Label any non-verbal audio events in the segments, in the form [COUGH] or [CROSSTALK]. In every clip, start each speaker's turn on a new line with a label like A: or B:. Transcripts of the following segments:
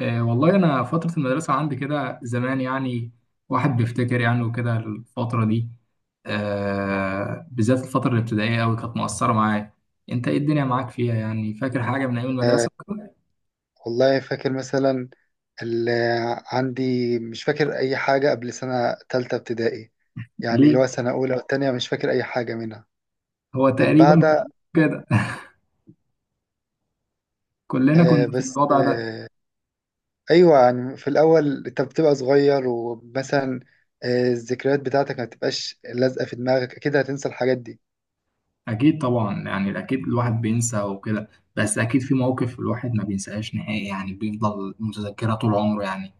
A: والله أنا فترة المدرسة عندي كده زمان يعني. واحد بيفتكر يعني وكده الفترة دي. بالذات الفترة الابتدائية أوي كانت مؤثرة معايا. أنت إيه الدنيا معاك فيها، يعني فاكر حاجة من أيام
B: آه،
A: المدرسة؟
B: والله فاكر مثلا. اللي عندي مش فاكر أي حاجة قبل سنة تالتة ابتدائي، يعني
A: ليه؟
B: اللي هو سنة أولى والتانية مش فاكر أي حاجة منها
A: هو
B: من
A: تقريبا
B: بعدها.
A: كده. [LAUGHS] كلنا
B: آه
A: كنا في
B: بس
A: الوضع ده.
B: أيوة، يعني في الأول أنت بتبقى صغير ومثلا الذكريات بتاعتك ما بتبقاش لازقة في دماغك، أكيد هتنسى الحاجات دي.
A: أكيد طبعا، يعني أكيد الواحد بينسى وكده. بس أكيد في مواقف الواحد ما بينساهاش نهائي، يعني بيفضل متذكرة طول عمره يعني.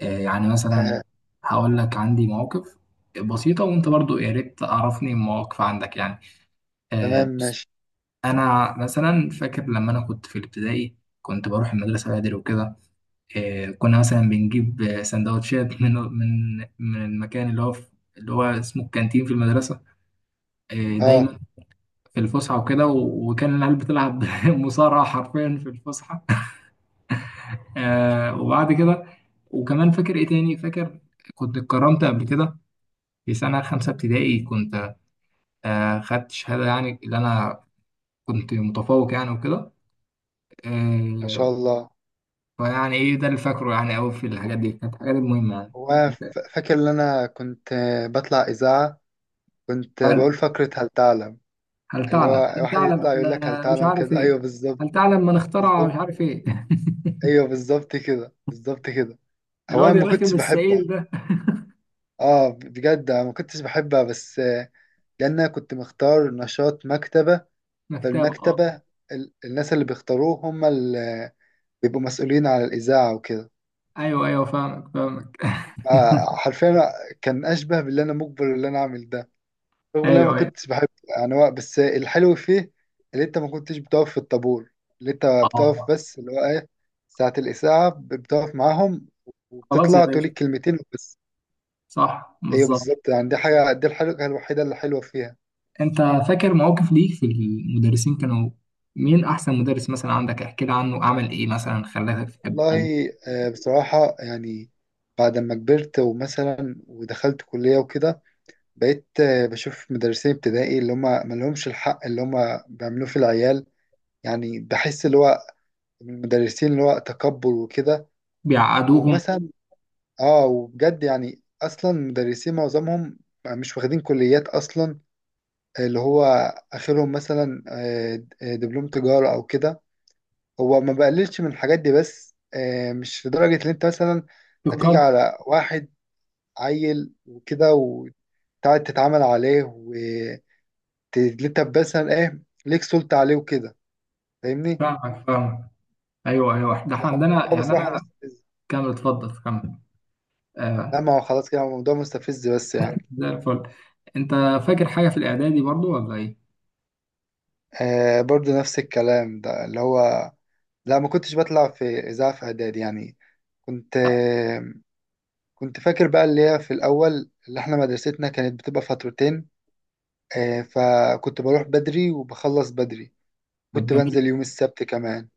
A: يعني مثلا
B: آه
A: هقول لك عندي مواقف بسيطة، وانت برضو يا ريت تعرفني مواقف عندك يعني.
B: تمام
A: بص.
B: ماشي.
A: انا مثلا فاكر لما انا كنت في الابتدائي، كنت بروح المدرسة بدري وكده. كنا مثلا بنجيب سندوتشات [LAUGHS] من المكان اللي هو في، اللي هو اسمه الكانتين في المدرسة.
B: أه
A: دايما في الفسحة وكده، و- وكان العيال بتلعب [LAUGHS] مصارعة حرفيا في الفسحة. وبعد كده وكمان فاكر ايه تاني فاكر، كنت اتكرمت قبل كده في سنة خمسة ابتدائي، كنت خدت شهادة، يعني اللي أنا كنت متفوق يعني وكده.
B: ما
A: آه،
B: شاء الله.
A: فيعني إيه ده اللي فاكره يعني أوي. في الحاجات دي كانت الحاجات المهمة يعني.
B: وأنا
A: أنت
B: فاكر إن أنا كنت بطلع إذاعة، كنت
A: هل
B: بقول فقرة هل تعلم،
A: هل
B: اللي
A: تعلم،
B: هو
A: هل
B: واحد
A: تعلم
B: يطلع يقول لك هل
A: أن مش
B: تعلم
A: عارف
B: كده،
A: إيه،
B: ايوه بالظبط.
A: هل تعلم من اخترع مش
B: بالظبط.
A: عارف إيه. [LAUGHS]
B: ايوه بالظبط كده، بالظبط كده. هو انا
A: الواد
B: ما
A: الرخم
B: كنتش بحبها،
A: السعيد ده.
B: اه بجد انا ما كنتش بحبها، بس لان انا كنت مختار نشاط مكتبه،
A: مكتبة، أه.
B: فالمكتبه الناس اللي بيختاروه هم اللي بيبقوا مسؤولين على الاذاعه وكده.
A: أيوه، أيوه، فاهمك، فاهمك.
B: حرفيا كان اشبه باللي انا مجبر اللي انا اعمل ده
A: [LAUGHS]
B: رغم ان انا ما
A: أيوه، أيوه.
B: كنتش بحب. يعني هو بس الحلو فيه اللي انت ما كنتش بتقف في الطابور، اللي انت بتقف
A: أه،
B: بس اللي هو ايه، ساعة الإذاعة بتقف معاهم
A: خلاص يا
B: وبتطلع تقول
A: باشا.
B: الكلمتين وبس.
A: صح،
B: ايوه
A: بالظبط.
B: بالظبط، يعني دي حاجة، دي الحاجة الوحيدة اللي حلوة فيها.
A: انت فاكر مواقف ليك في المدرسين؟ كانوا مين احسن مدرس مثلا عندك؟ احكي لي عنه عمل ايه مثلا، خلاك تحب، خلاك
B: والله بصراحة يعني بعد ما كبرت ومثلا ودخلت كلية وكده، بقيت بشوف مدرسين ابتدائي اللي هم ما لهمش الحق اللي هم بيعملوه في العيال. يعني بحس اللي هو من المدرسين اللي هو تكبر وكده.
A: بيعقدوهم.
B: ومثلا اه وبجد يعني اصلا مدرسين معظمهم مش واخدين كليات اصلا، اللي هو اخرهم مثلا دبلوم تجارة او كده. هو ما بقللش من الحاجات دي، بس مش لدرجة ان انت مثلا هتيجي
A: بقدر.
B: على واحد عيل وكده وتقعد تتعامل عليه وانت مثلا ايه، ليك سلطة عليه وكده. فاهمني؟
A: فاهمك، فاهمك. ايوه، ايوه، ده احنا عندنا
B: فالموضوع
A: يعني
B: بصراحة
A: انا.
B: مستفز.
A: كمل، اتفضل، كمل.
B: لا
A: آه
B: ما هو خلاص كده الموضوع مستفز بس يعني.
A: زي الفل. انت فاكر حاجه في الاعدادي برضو، ولا ايه؟
B: برضو نفس الكلام ده اللي هو لا، ما كنتش بطلع في إذاعة في إعدادي يعني. كنت كنت فاكر بقى اللي هي في الأول اللي إحنا مدرستنا كانت بتبقى فترتين، فكنت بروح بدري وبخلص بدري،
A: ده
B: كنت
A: جميل،
B: بنزل يوم السبت كمان.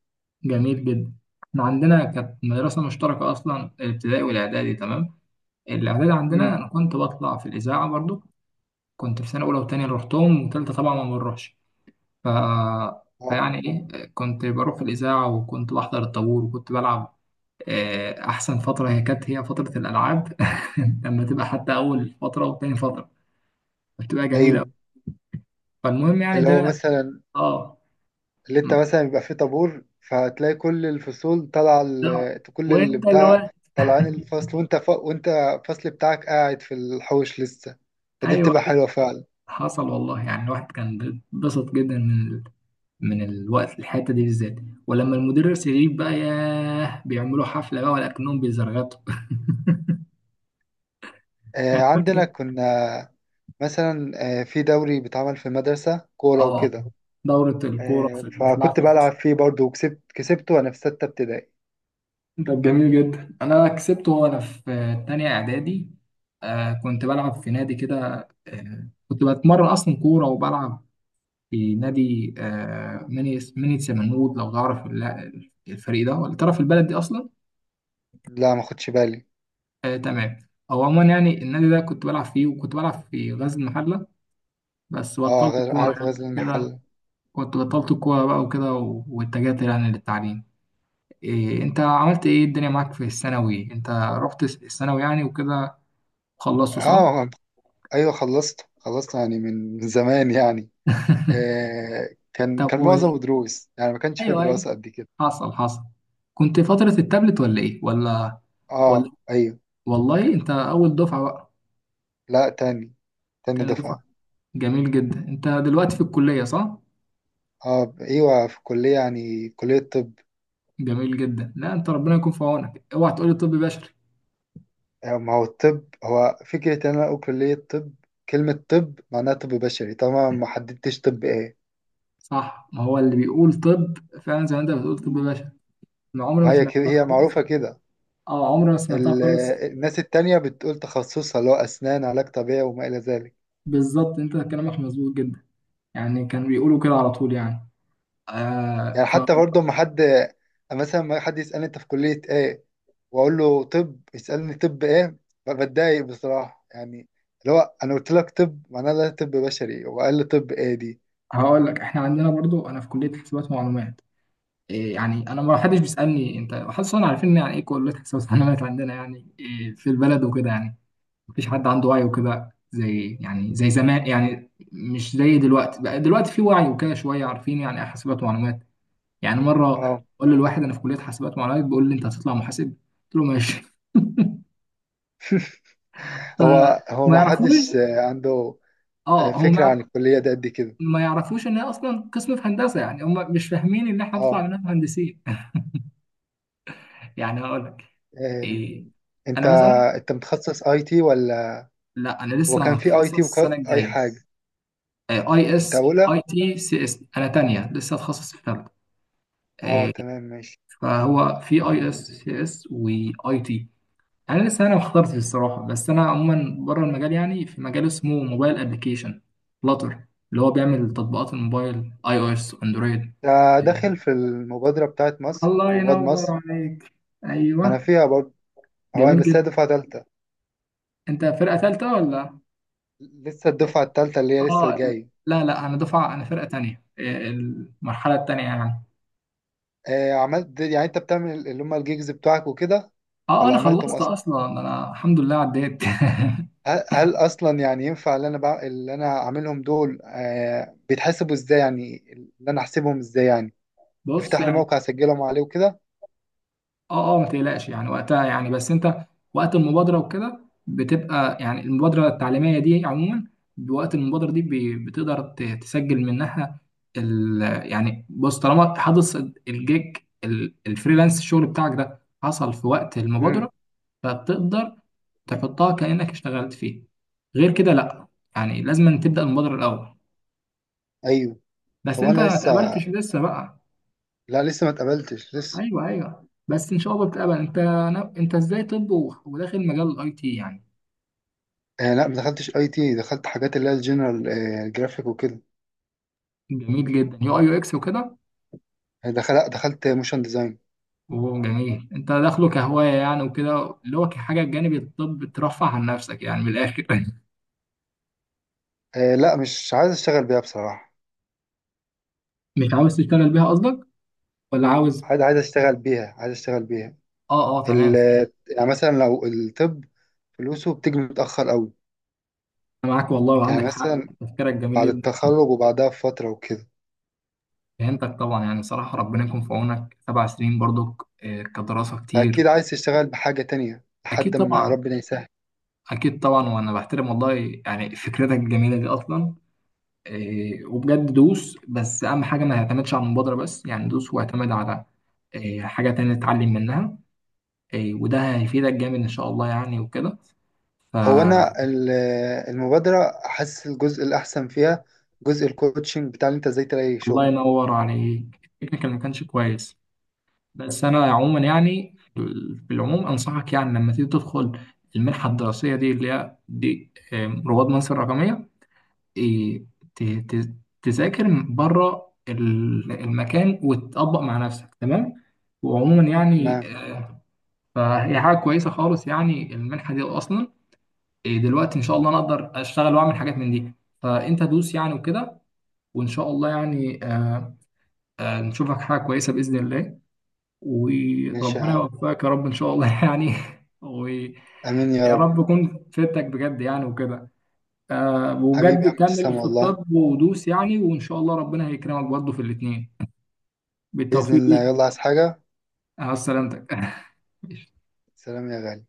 A: جميل جدا. احنا عندنا كانت مدرسه مشتركه اصلا، الابتدائي والاعدادي، تمام. الاعدادي عندنا
B: امم.
A: انا كنت بطلع في الاذاعه برضو. كنت في سنه اولى وثانيه اللي رحتهم، وثالثه طبعا ما بنروحش. ف
B: اه
A: يعني ايه، كنت بروح الاذاعه وكنت بحضر الطابور وكنت بلعب. احسن فتره، هي كانت هي فتره الالعاب. [LAUGHS] لما تبقى حتى اول فتره وتاني فتره، بتبقى جميله أوي.
B: أيوه.
A: فالمهم يعني
B: اللي هو
A: ده.
B: مثلا
A: اه،
B: اللي أنت
A: م-
B: مثلا بيبقى فيه طابور فتلاقي كل الفصول طالعة
A: ده،
B: كل اللي
A: وانت اللي
B: بتاع
A: هو
B: طالعين الفصل، وأنت وأنت الفصل بتاعك قاعد في الحوش لسه، فدي
A: ايوه.
B: بتبقى حلوة فعلا.
A: حصل والله، يعني الواحد كان بسط جدا من الوقت، الحته دي بالذات. ولما المدرس يغيب بقى، ياه، بيعملوا حفله بقى، ولكنهم بيزرغطوا. [LAUGHS] يعني فاكر.
B: عندنا كنا مثلا في دوري بيتعمل في مدرسة كورة
A: اه،
B: وكده،
A: دورة الكورة في بتلعب
B: فكنت
A: في
B: بلعب
A: الفسحة.
B: فيه برضه وكسبت كسبته وأنا في ستة ابتدائي.
A: طب جميل جدا، انا كسبته وانا في تانية اعدادي. كنت بلعب في نادي كده. كنت بتمرن اصلا كوره، وبلعب في نادي، ميني سمنود. لو تعرف ال- الفريق ده، ولا تعرف البلد دي اصلا؟
B: لا ما خدش بالي.
A: آه، تمام. او عموما، يعني النادي ده كنت بلعب فيه، وكنت بلعب في غزل المحله. بس
B: اه،
A: بطلت
B: غير
A: الكوره
B: عارف
A: يعني
B: غزل
A: كده.
B: المحل.
A: كنت بطلت الكوره بقى وكده، و- واتجهت يعني للتعليم. إيه انت عملت ايه، الدنيا معاك في الثانوي؟ انت رحت الثانوي يعني وكده، خلصته، صح؟
B: اه ايوه خلصت يعني من زمان يعني. كان
A: طب.
B: كان معظمه دروس يعني، ما كانش في
A: ايوه، ايوه.
B: دراسة قد كده.
A: حصل، حصل. كنت فترة التابلت ولا ايه، ولا؟ ولا
B: اه ايوه.
A: والله انت اول دفعة بقى؟
B: لا، تاني
A: تاني دفعة.
B: دفعة.
A: جميل جدا. انت دلوقتي في الكلية، صح؟
B: اه ايوه، في كلية يعني كلية طب.
A: جميل جدا. لا، انت ربنا يكون في عونك، اوعى تقولي طب بشري.
B: ما هو الطب هو فكرة إن أنا أقول كلية طب، كلمة طب معناها طب بشري طبعا، ما حددتش طب إيه.
A: صح، ما هو اللي بيقول طب فعلا زي ما انت بتقول طب بشري. انا عمري ما
B: فهي كده
A: سمعتها
B: هي
A: خالص.
B: معروفة كده.
A: اه، عمري ما سمعتها
B: ال-
A: خالص.
B: الناس التانية بتقول تخصصها اللي هو أسنان، علاج طبيعي، وما إلى ذلك.
A: بالظبط، انت كلامك مظبوط جدا، يعني كانوا بيقولوا كده على طول يعني. آه
B: يعني حتى برضه ما حد، مثلا ما حد يسألني أنت في كلية إيه وأقول له طب، يسألني طب إيه، بتضايق بصراحة يعني، اللي هو أنا قلت لك طب معناها لا طب بشري وقال لي طب إيه دي.
A: فهقول لك احنا عندنا برضو، انا في كلية حسابات ومعلومات. إيه يعني، انا ما حدش بيسالني، انت حاسس انا عارفين يعني ايه كليه حساب ومعلومات عندنا، يعني إيه في البلد وكده يعني. مفيش حد عنده وعي وكده، زي زمان، يعني مش زي دلوقتي بقى. دلوقتي في وعي وكده شويه، عارفين يعني ايه حاسبات ومعلومات. يعني مره
B: أه،
A: اقول للواحد انا في كليه حاسبات ومعلومات، بيقول لي انت هتطلع محاسب. قلت له ماشي. [LAUGHS] ف-
B: هو
A: ما
B: ما
A: يعرفوش.
B: حدش عنده
A: اه، هم
B: فكرة عن الكلية دي قد كده.
A: ما يعرفوش ان هي اصلا قسم في هندسه، يعني هم مش فاهمين ان احنا هنطلع
B: اه.
A: منها مهندسين. [LAUGHS] يعني هقول لك
B: آم،
A: إيه.
B: انت
A: انا مثلا
B: انت متخصص اي تي ولا؟
A: لا، انا
B: هو
A: لسه
B: كان في اي
A: هتخصص
B: تي
A: السنه
B: اي
A: الجايه
B: حاجه.
A: اي
B: انت
A: اس
B: اولى؟
A: IT، CS. انا تانية، لسه هتخصص في ثالثه.
B: اه
A: آه،
B: تمام ماشي.
A: فهو في IS، CS، and IT. انا لسه، انا ما اخترتش الصراحه، بس انا عموما بره المجال، يعني في مجال اسمه موبايل ابلكيشن، فلاتر، اللي هو بيعمل تطبيقات الموبايل، iOS، اندرويد.
B: ده
A: آه،
B: داخل في المبادره بتاعت مصر،
A: الله
B: رواد
A: ينور
B: مصر؟
A: عليك.
B: ما انا
A: ايوه،
B: فيها برضه. هو
A: جميل
B: بس هي
A: جدا.
B: دفعه تالته،
A: انت فرقه ثالثه، ولا؟
B: لسه الدفعه التالته اللي هي لسه
A: اه،
B: جايه.
A: لا، لا، انا دفعه، انا فرقه تانية، المرحله التانية يعني.
B: عملت يعني، انت بتعمل اللي هم الجيجز بتوعك وكده
A: اه.
B: ولا
A: انا
B: عملتهم
A: خلصت
B: اصلا؟
A: اصلا، انا الحمد لله عديت.
B: هل اصلا يعني ينفع اللي انا اللي انا عاملهم دول بيتحسبوا ازاي، يعني اللي انا احسبهم ازاي يعني،
A: [LAUGHS] بص
B: تفتح لي
A: يعني.
B: موقع اسجلهم عليه وكده؟
A: اه، اه، ما تقلقش يعني وقتها يعني، بس انت وقت المبادره وكده بتبقى، يعني المبادره التعليميه دي عموما، بوقت المبادره دي بتقدر تسجل منها ال يعني. بص، طالما حدث الجيج، ال- الفريلانس، الشغل بتاعك ده حصل في وقت المبادره،
B: امم.
A: فبتقدر تحطها كانك اشتغلت فيه. غير كده لا، يعني لازم تبدا المبادره الاول. بس
B: هو
A: انت
B: انا
A: ما
B: لسه،
A: اتقبلتش لسه بقى.
B: لا لسه ما اتقبلتش لسه.
A: ايوه، ايوه، بس ان شاء الله بتقبل. انت انت ازاي طب، و- وداخل مجال الIT يعني؟
B: لا ما دخلتش اي تي، دخلت حاجات اللي هي الجنرال جرافيك وكده.
A: جميل جدا. UI، UX، وكده.
B: آه، دخل لا، دخلت موشن ديزاين.
A: وجميل، انت داخله كهوايه يعني وكده، اللي هو كحاجه جانب الطب، ترفع عن نفسك يعني من الاخر. [LAUGHS]
B: لا مش عايز اشتغل بيها بصراحه.
A: مش عاوز تشتغل بيها قصدك، ولا عاوز؟
B: عايز اشتغل بيها، عايز اشتغل بيها.
A: اه، اه،
B: ال
A: تمام.
B: آه، يعني مثلا لو الطب فلوسه بتيجي متاخر قوي،
A: انا معاك والله،
B: يعني
A: وعندك حق.
B: مثلا
A: تفكيرك جميل
B: بعد
A: جدا.
B: التخرج وبعدها بفتره وكده،
A: فهمتك طبعا، يعني صراحه ربنا يكون في عونك. 7 سنين برضك كدراسه كتير.
B: فاكيد عايز تشتغل بحاجه تانية
A: اكيد
B: لحد ما
A: طبعا،
B: ربنا يسهل.
A: اكيد طبعا، وانا بحترم والله يعني فكرتك الجميله دي اصلا. وبجد دوس، بس اهم حاجه ما يعتمدش على المبادره بس، يعني دوس واعتمد على حاجه تانية تتعلم منها. وده هيفيدك جامد ان شاء الله يعني وكده.
B: هو
A: فالله
B: انا المبادره حاسس الجزء الاحسن فيها جزء الكوتشنج بتاع اللي انت ازاي تلاقي شغل.
A: ينور عليك. التكنيكال ما كانش كويس، بس انا عموما يعني في العموم انصحك، يعني لما تيجي تدخل المنحه الدراسيه دي، اللي هي دي رواد مصر الرقميه، إيه، ت- ت- تذاكر بره المكان وتطبق مع نفسك، تمام. وعموما يعني
B: تمام
A: آه، فهي حاجه كويسه خالص يعني، المنحه دي اصلا دلوقتي ان شاء الله انا اقدر اشتغل واعمل حاجات من دي. فانت دوس يعني وكده، وان شاء الله يعني. نشوفك حاجه كويسه باذن الله،
B: ماشي يا
A: وربنا
B: عم.
A: يوفقك يا رب ان شاء الله. [LAUGHS] يعني، ويا
B: امين يا رب.
A: رب يكون فدتك بجد يعني وكده.
B: حبيبي
A: وبجد
B: يا عم،
A: كمل
B: تسلم
A: في
B: والله.
A: الطب ودوس، يعني وان شاء الله ربنا هيكرمك برضه في الاثنين.
B: باذن
A: بالتوفيق
B: الله،
A: ليك.
B: يلا عايز حاجه؟
A: على سلامتك. [LAUGHS]
B: سلام يا غالي.